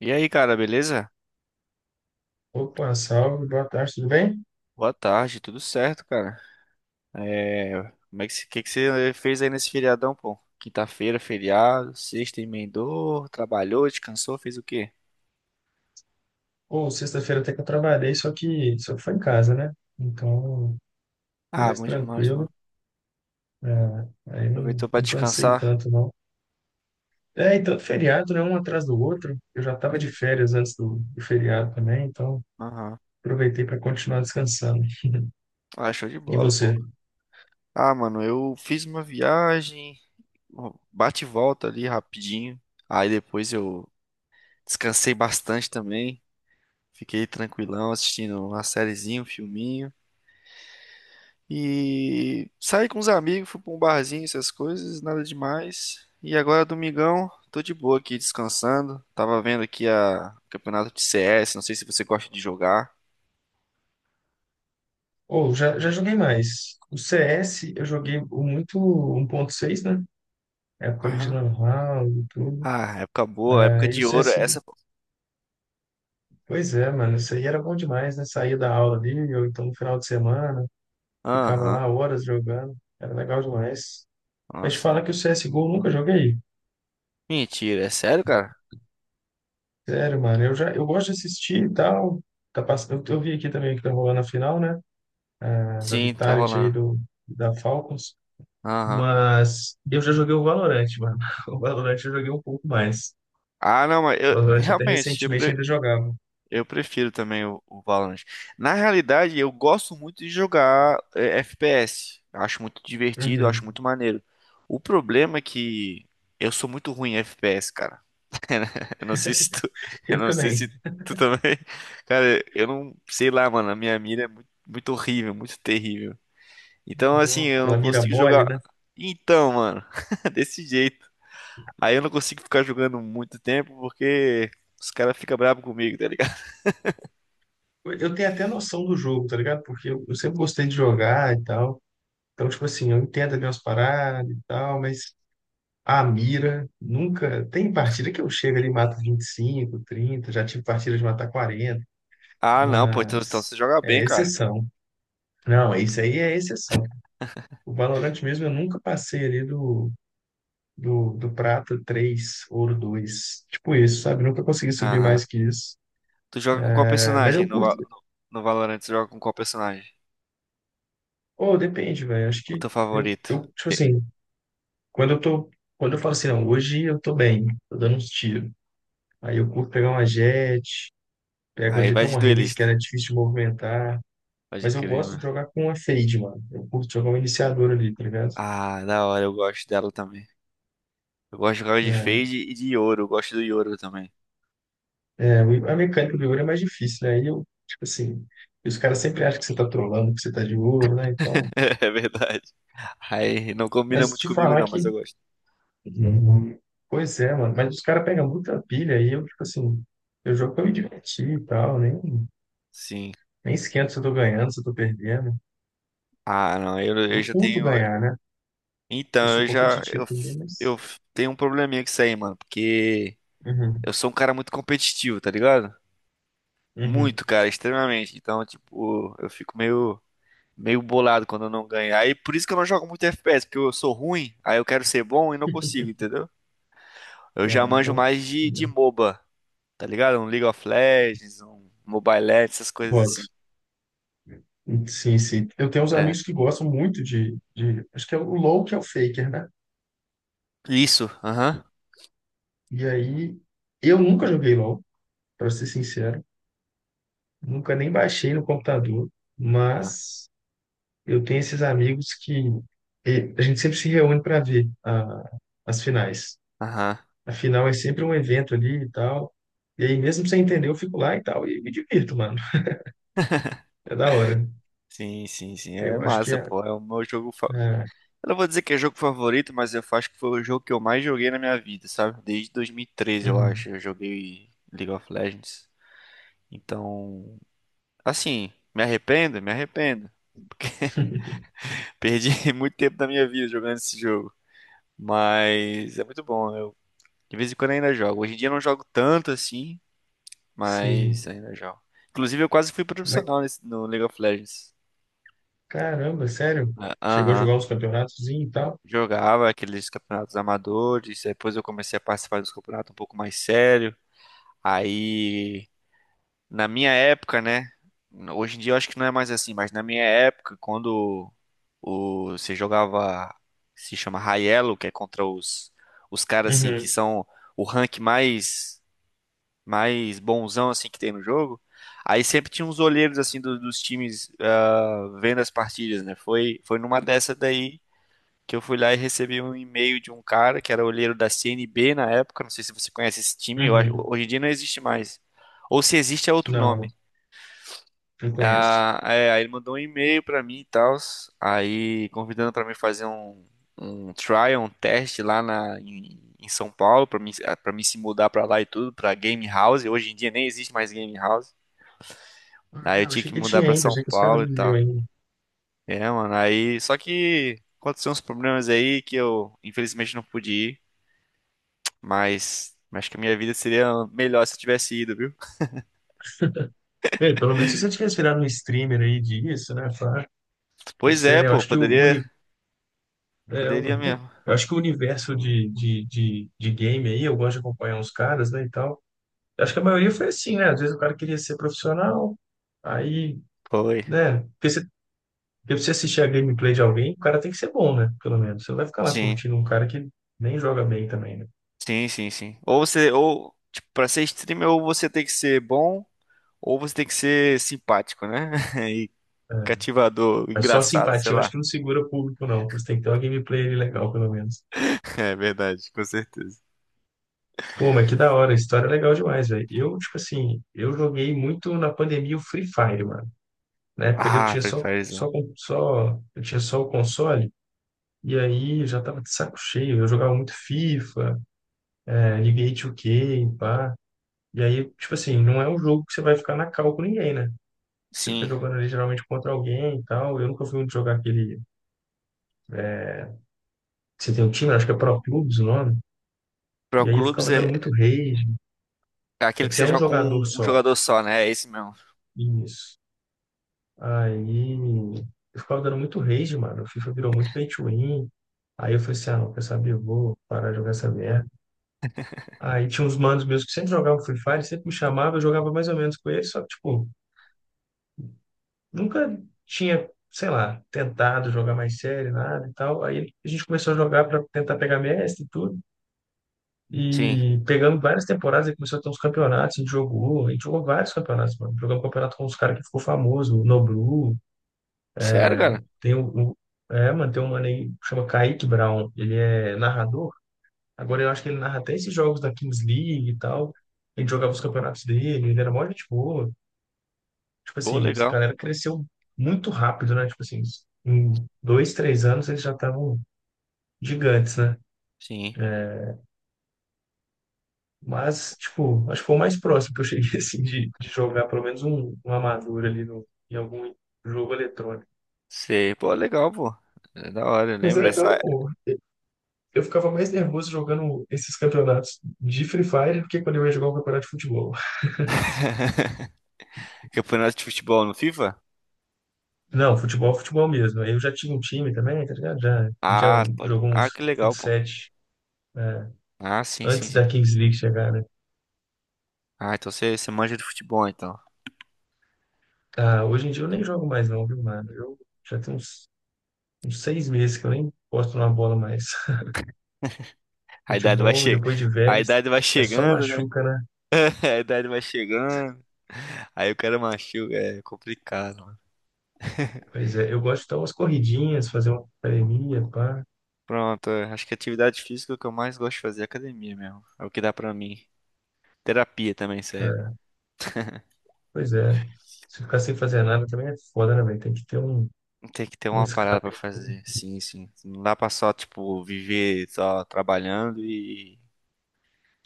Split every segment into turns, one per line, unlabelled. E aí, cara, beleza?
Opa, salve, boa tarde, tudo bem?
Boa tarde, tudo certo, cara? É, como é que, que você fez aí nesse feriadão, pô? Quinta-feira, feriado, sexta emendou, trabalhou, descansou, fez o quê?
Ou sexta-feira até que eu trabalhei, só que foi em casa, né? Então, foi
Ah,
mais
bom demais,
tranquilo.
mano.
É, aí
Aproveitou
não,
pra
não cansei
descansar?
tanto, não. É, e tanto feriado, né? Um atrás do outro. Eu já estava de férias antes do feriado também, então
Aham.
aproveitei para continuar descansando.
Ah, show de
E
bola, pô.
você?
Ah, mano, eu fiz uma viagem, ó, bate e volta ali rapidinho. Aí depois eu descansei bastante também. Fiquei tranquilão assistindo uma sériezinha, um filminho. E saí com os amigos, fui pra um barzinho, essas coisas, nada demais. E agora, domingão, tô de boa aqui descansando. Tava vendo aqui a campeonato de CS, não sei se você gosta de jogar.
Ou já joguei mais. O CS eu joguei o muito 1.6, né? Época ali de
Aham.
Lan House e tudo.
Ah, época boa, época
Aí o
de ouro,
CSGO.
essa.
Pois é, mano, isso aí era bom demais, né? Saía da aula ali, ou então no final de semana, ficava lá
Aham.
horas jogando, era legal demais. Mas te
Nossa.
falar que o CSGO eu nunca joguei.
Mentira, é sério, cara?
Sério, mano, eu gosto de assistir e tal. Eu vi aqui também que tá rolando a final, né? Da
Sim, tá
Vitality aí
rolando.
da Falcons.
Aham.
Mas eu já joguei o Valorant, mano. O Valorant eu joguei um pouco mais.
Ah, não, mas
O
eu
Valorant até
realmente,
recentemente ainda jogava.
eu prefiro também o Valorant. Na realidade, eu gosto muito de jogar FPS. Eu acho muito divertido, eu acho
Uhum.
muito maneiro. O problema é que eu sou muito ruim em FPS, cara. Eu não sei se tu, eu
Eu
não sei
também.
se tu também. Cara, eu não sei lá, mano. A minha mira é muito, muito horrível, muito terrível. Então, assim,
Nó,
eu
aquela
não
mira
consigo
mole,
jogar.
né?
Então, mano, desse jeito. Aí eu não consigo ficar jogando muito tempo porque os caras ficam bravos comigo, tá.
Eu tenho até noção do jogo, tá ligado? Porque eu sempre gostei de jogar e tal. Então, tipo assim, eu entendo ali umas paradas e tal, mas a mira nunca. Tem partida que eu chego ali e mato 25, 30, já tive partida de matar 40,
Ah, não, pô, então
mas
você joga bem,
é
cara.
exceção. Não, isso aí é exceção. O Valorant mesmo eu nunca passei ali do prata 3 ouro dois. Tipo isso, sabe? Nunca consegui subir
Aham.
mais que isso.
Tu joga com qual
É, mas
personagem
eu
no, Va-
curto.
no, no, Valorant? Tu joga com qual personagem?
Ou depende, velho. Acho
O
que
teu favorito?
tipo
Te-
assim. Quando eu tô, quando eu falo assim, não, hoje eu tô bem, tô dando uns tiros. Aí eu curto pegar uma jet, pego
Aí
ali até
vai de
uma race que
duelista.
era difícil de movimentar,
Pode
mas eu
crer,
gosto de
mano.
jogar com uma fade, mano. Eu curto jogar um iniciador ali, tá ligado?
Ah, da hora, eu gosto dela também. Eu gosto de jogar de
É,
Fade e de Yoro, eu gosto do Yoro também.
a mecânica do ouro é mais difícil, né? E eu, tipo assim, os caras sempre acham que você tá trolando, que você tá de ouro, né? Então,
É verdade. Aí não combina
mas
muito
te
comigo
falar
não, mas
que.
eu gosto.
Uhum. Pois é, mano, mas os caras pegam muita pilha e eu, tipo assim, eu jogo pra me divertir e tal, nem,
Sim.
nem esquento se eu tô ganhando, se eu tô perdendo.
Ah, não, eu
Eu
já
curto
tenho.
ganhar, né? Eu
Então,
sou
eu já.
competitivo também,
Eu
mas.
tenho um probleminha com isso aí, mano. Porque
Uhum,
eu sou um cara muito competitivo, tá ligado?
uhum.
Muito, cara, extremamente. Então, tipo, eu fico meio, meio bolado quando eu não ganho. Aí, por isso que eu não jogo muito FPS, porque eu sou ruim, aí eu quero ser bom e não consigo, entendeu? Eu já
Ah,
manjo
então.
mais de MOBA, tá ligado? Um League of Legends, um Mobile Legends, essas coisas
Voto.
assim.
Sim, sim. Eu tenho uns
É.
amigos que gostam muito de. Acho que é o LoL que é o Faker, né?
Isso, aham.
E aí. Eu nunca joguei LoL, para ser sincero. Nunca nem baixei no computador.
Ah,
Mas eu tenho esses amigos que. E a gente sempre se reúne para ver as finais.
aham.
A final é sempre um evento ali e tal. E aí, mesmo sem entender, eu fico lá e tal, e me divirto, mano. É da hora.
Sim, sim, sim. É
Eu acho que
massa,
é.
pô. É o meu jogo. Fa-
É,
eu não vou dizer que é jogo favorito, mas eu acho que foi o jogo que eu mais joguei na minha vida, sabe? Desde 2013, eu
uhum.
acho. Eu joguei League of Legends. Então. Assim, me arrependo? Me arrependo. Porque perdi muito tempo da minha vida jogando esse jogo. Mas é muito bom. Eu, de vez em quando ainda jogo. Hoje em dia eu não jogo tanto assim, mas
Sim.
ainda jogo. Inclusive, eu quase fui
Mas
profissional no League of Legends.
caramba, sério?
Ah,
Chegou a
aham.
jogar uns campeonatos e tal?
Jogava aqueles campeonatos amadores. Depois eu comecei a participar dos campeonatos um pouco mais sério. Aí na minha época, né? Hoje em dia eu acho que não é mais assim, mas na minha época, quando você jogava, se chama High Elo, que é contra os caras assim que
Uhum.
são o rank mais bonzão assim que tem no jogo. Aí sempre tinha uns olheiros assim dos times ah, vendo as partidas, né? Foi numa dessa daí que eu fui lá e recebi um e-mail de um cara que era olheiro da CNB na época, não sei se você conhece esse time, eu acho-
Uhum.
hoje em dia não existe mais. Ou se existe é outro
Não,
nome.
não conheço.
Ah, é, aí ele mandou um e-mail pra mim e tal, aí convidando pra mim fazer um trial, um teste lá em São Paulo, para mim se mudar pra lá e tudo, pra Game House. Hoje em dia nem existe mais Game House.
Ah,
Aí eu
é, eu
tinha
achei
que
que
mudar
tinha
pra
ainda,
São
achei que os caras
Paulo e
viviam
tal.
ainda.
É, mano, aí só que aconteceu uns problemas aí que eu infelizmente não pude ir, mas acho que a minha vida seria melhor se eu tivesse ido, viu?
Ei, pelo menos se você tivesse virado um streamer aí disso, né? Pá, não
Pois
sei,
é,
né? Eu
pô,
acho que o, uni-
poderia,
é, o-
poderia mesmo.
eu acho que o universo de game aí, eu gosto de acompanhar uns caras, né, e tal. Eu acho que a maioria foi assim, né? Às vezes o cara queria ser profissional, aí,
Foi.
né? Porque pra você assistir a gameplay de alguém, o cara tem que ser bom, né? Pelo menos. Você não vai ficar lá
Sim.
curtindo um cara que nem joga bem também, né?
Sim, sim, sim. Ou você, ou, tipo, pra ser streamer, ou você tem que ser bom, ou você tem que ser simpático, né? E
É.
cativador,
Mas só a
engraçado, sei
simpatia eu acho
lá.
que não segura público, não. Você tem que ter uma gameplay ali legal, pelo menos.
É verdade, com certeza.
Pô, mas que da hora, a história é legal demais, velho. Eu, tipo assim, eu joguei muito na pandemia o Free Fire, mano. Na época ali eu
Ah,
tinha
Free Firezão.
eu tinha só o console, e aí eu já tava de saco cheio. Eu jogava muito FIFA, NBA 2K, pá. E aí, tipo assim, não é um jogo que você vai ficar na cal com ninguém, né? Você fica
Sim.
jogando ali geralmente contra alguém e tal. Eu nunca fui muito jogar aquele. Você tem um time, acho que é Pro Clubs o nome.
Pro
E aí eu
Clubes
ficava
é
dando muito rage.
é
É
aquele
que
que
você
você
é um
joga com
jogador
um
só.
jogador só, né? É esse mesmo.
Isso. Aí eu ficava dando muito rage, mano. O FIFA virou muito pay to win. Aí eu falei assim, ah, não, quer saber? Eu vou parar de jogar essa merda. Aí tinha uns manos meus que sempre jogavam Free Fire, sempre me chamavam, eu jogava mais ou menos com eles, só que, tipo, nunca tinha, sei lá, tentado jogar mais sério, nada e tal. Aí a gente começou a jogar para tentar pegar mestre e tudo.
Sim.
E pegando várias temporadas, ele começou a ter uns campeonatos, a gente jogou vários campeonatos, mano. Jogamos campeonato com uns caras que ficou famoso, o Noblu,
Sério, cara?
tem o, o- é, mano, tem um mano aí que chama Kaique Brown, ele é narrador. Agora eu acho que ele narra até esses jogos da Kings League e tal. A gente jogava os campeonatos dele, ele era mó gente boa. Tipo
Pô,
assim, essa
legal.
galera cresceu muito rápido, né? Tipo assim, em 2, 3 anos eles já estavam gigantes, né?
Sim.
Mas, tipo, acho que foi o mais próximo que eu cheguei, assim, de jogar pelo menos um amador ali no, em algum jogo eletrônico.
Sei. Pô, legal, pô. É da hora, eu
Mas é
lembro
legal,
essa
pô. Eu ficava mais nervoso jogando esses campeonatos de Free Fire do que quando eu ia jogar um campeonato de futebol.
campeonato de futebol no FIFA?
Não, futebol, futebol mesmo. Eu já tinha um time também, tá ligado? Já, a gente já
Ah, pode.
jogou uns
Ah, que
fut
legal, pô.
né,
Ah, sim, sim,
antes
sim.
da Kings League chegar, né?
Ah, então você, você manja de futebol, então.
Ah, hoje em dia eu nem jogo mais não, viu, mano? Eu já tenho uns 6 meses que eu nem posto na bola mais.
A idade vai
Futebol,
che...
depois de
a
velhos,
idade vai
é só
chegando, né?
machuca, né?
A idade vai chegando. Aí o cara machuca, é complicado, mano.
Pois é, eu gosto de dar umas corridinhas, fazer uma academia, pá.
Pronto, é, acho que atividade física é o que eu mais gosto de fazer é academia mesmo. É o que dá pra mim. Terapia também serve.
É, pois é. Se ficar sem fazer nada também é foda, né, velho? Tem que ter um,
Tem que ter
um
uma parada pra
escape.
fazer. Sim, sim. Não dá pra só, tipo, viver só trabalhando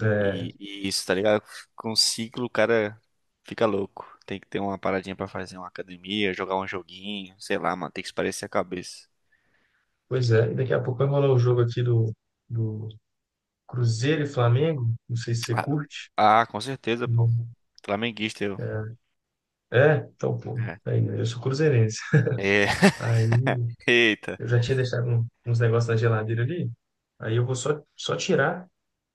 É,
e isso, tá ligado? Com um ciclo o cara fica louco. Tem que ter uma paradinha pra fazer uma academia, jogar um joguinho, sei lá, mano. Tem que espairecer a cabeça.
pois é, e daqui a pouco vai rolar o jogo aqui do Cruzeiro e Flamengo. Não sei se você
Ah,
curte.
ah, com certeza, pô.
Não.
Flamenguista eu.
É, então, pô,
É.
aí, né? Eu sou cruzeirense.
É.
Aí
Eita.
eu já tinha deixado uns negócios na geladeira ali. Aí eu vou só tirar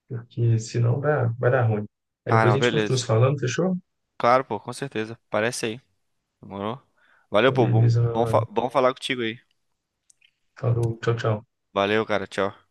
porque senão vai dar ruim. Aí
Ah,
depois a
não,
gente continua se
beleza.
falando, fechou?
Claro, pô, com certeza. Parece aí. Demorou? Valeu,
Então,
pô. Bom,
beleza, meu
bom, fa-
mano.
bom falar contigo aí.
Falou, tchau, tchau.
Valeu, cara. Tchau.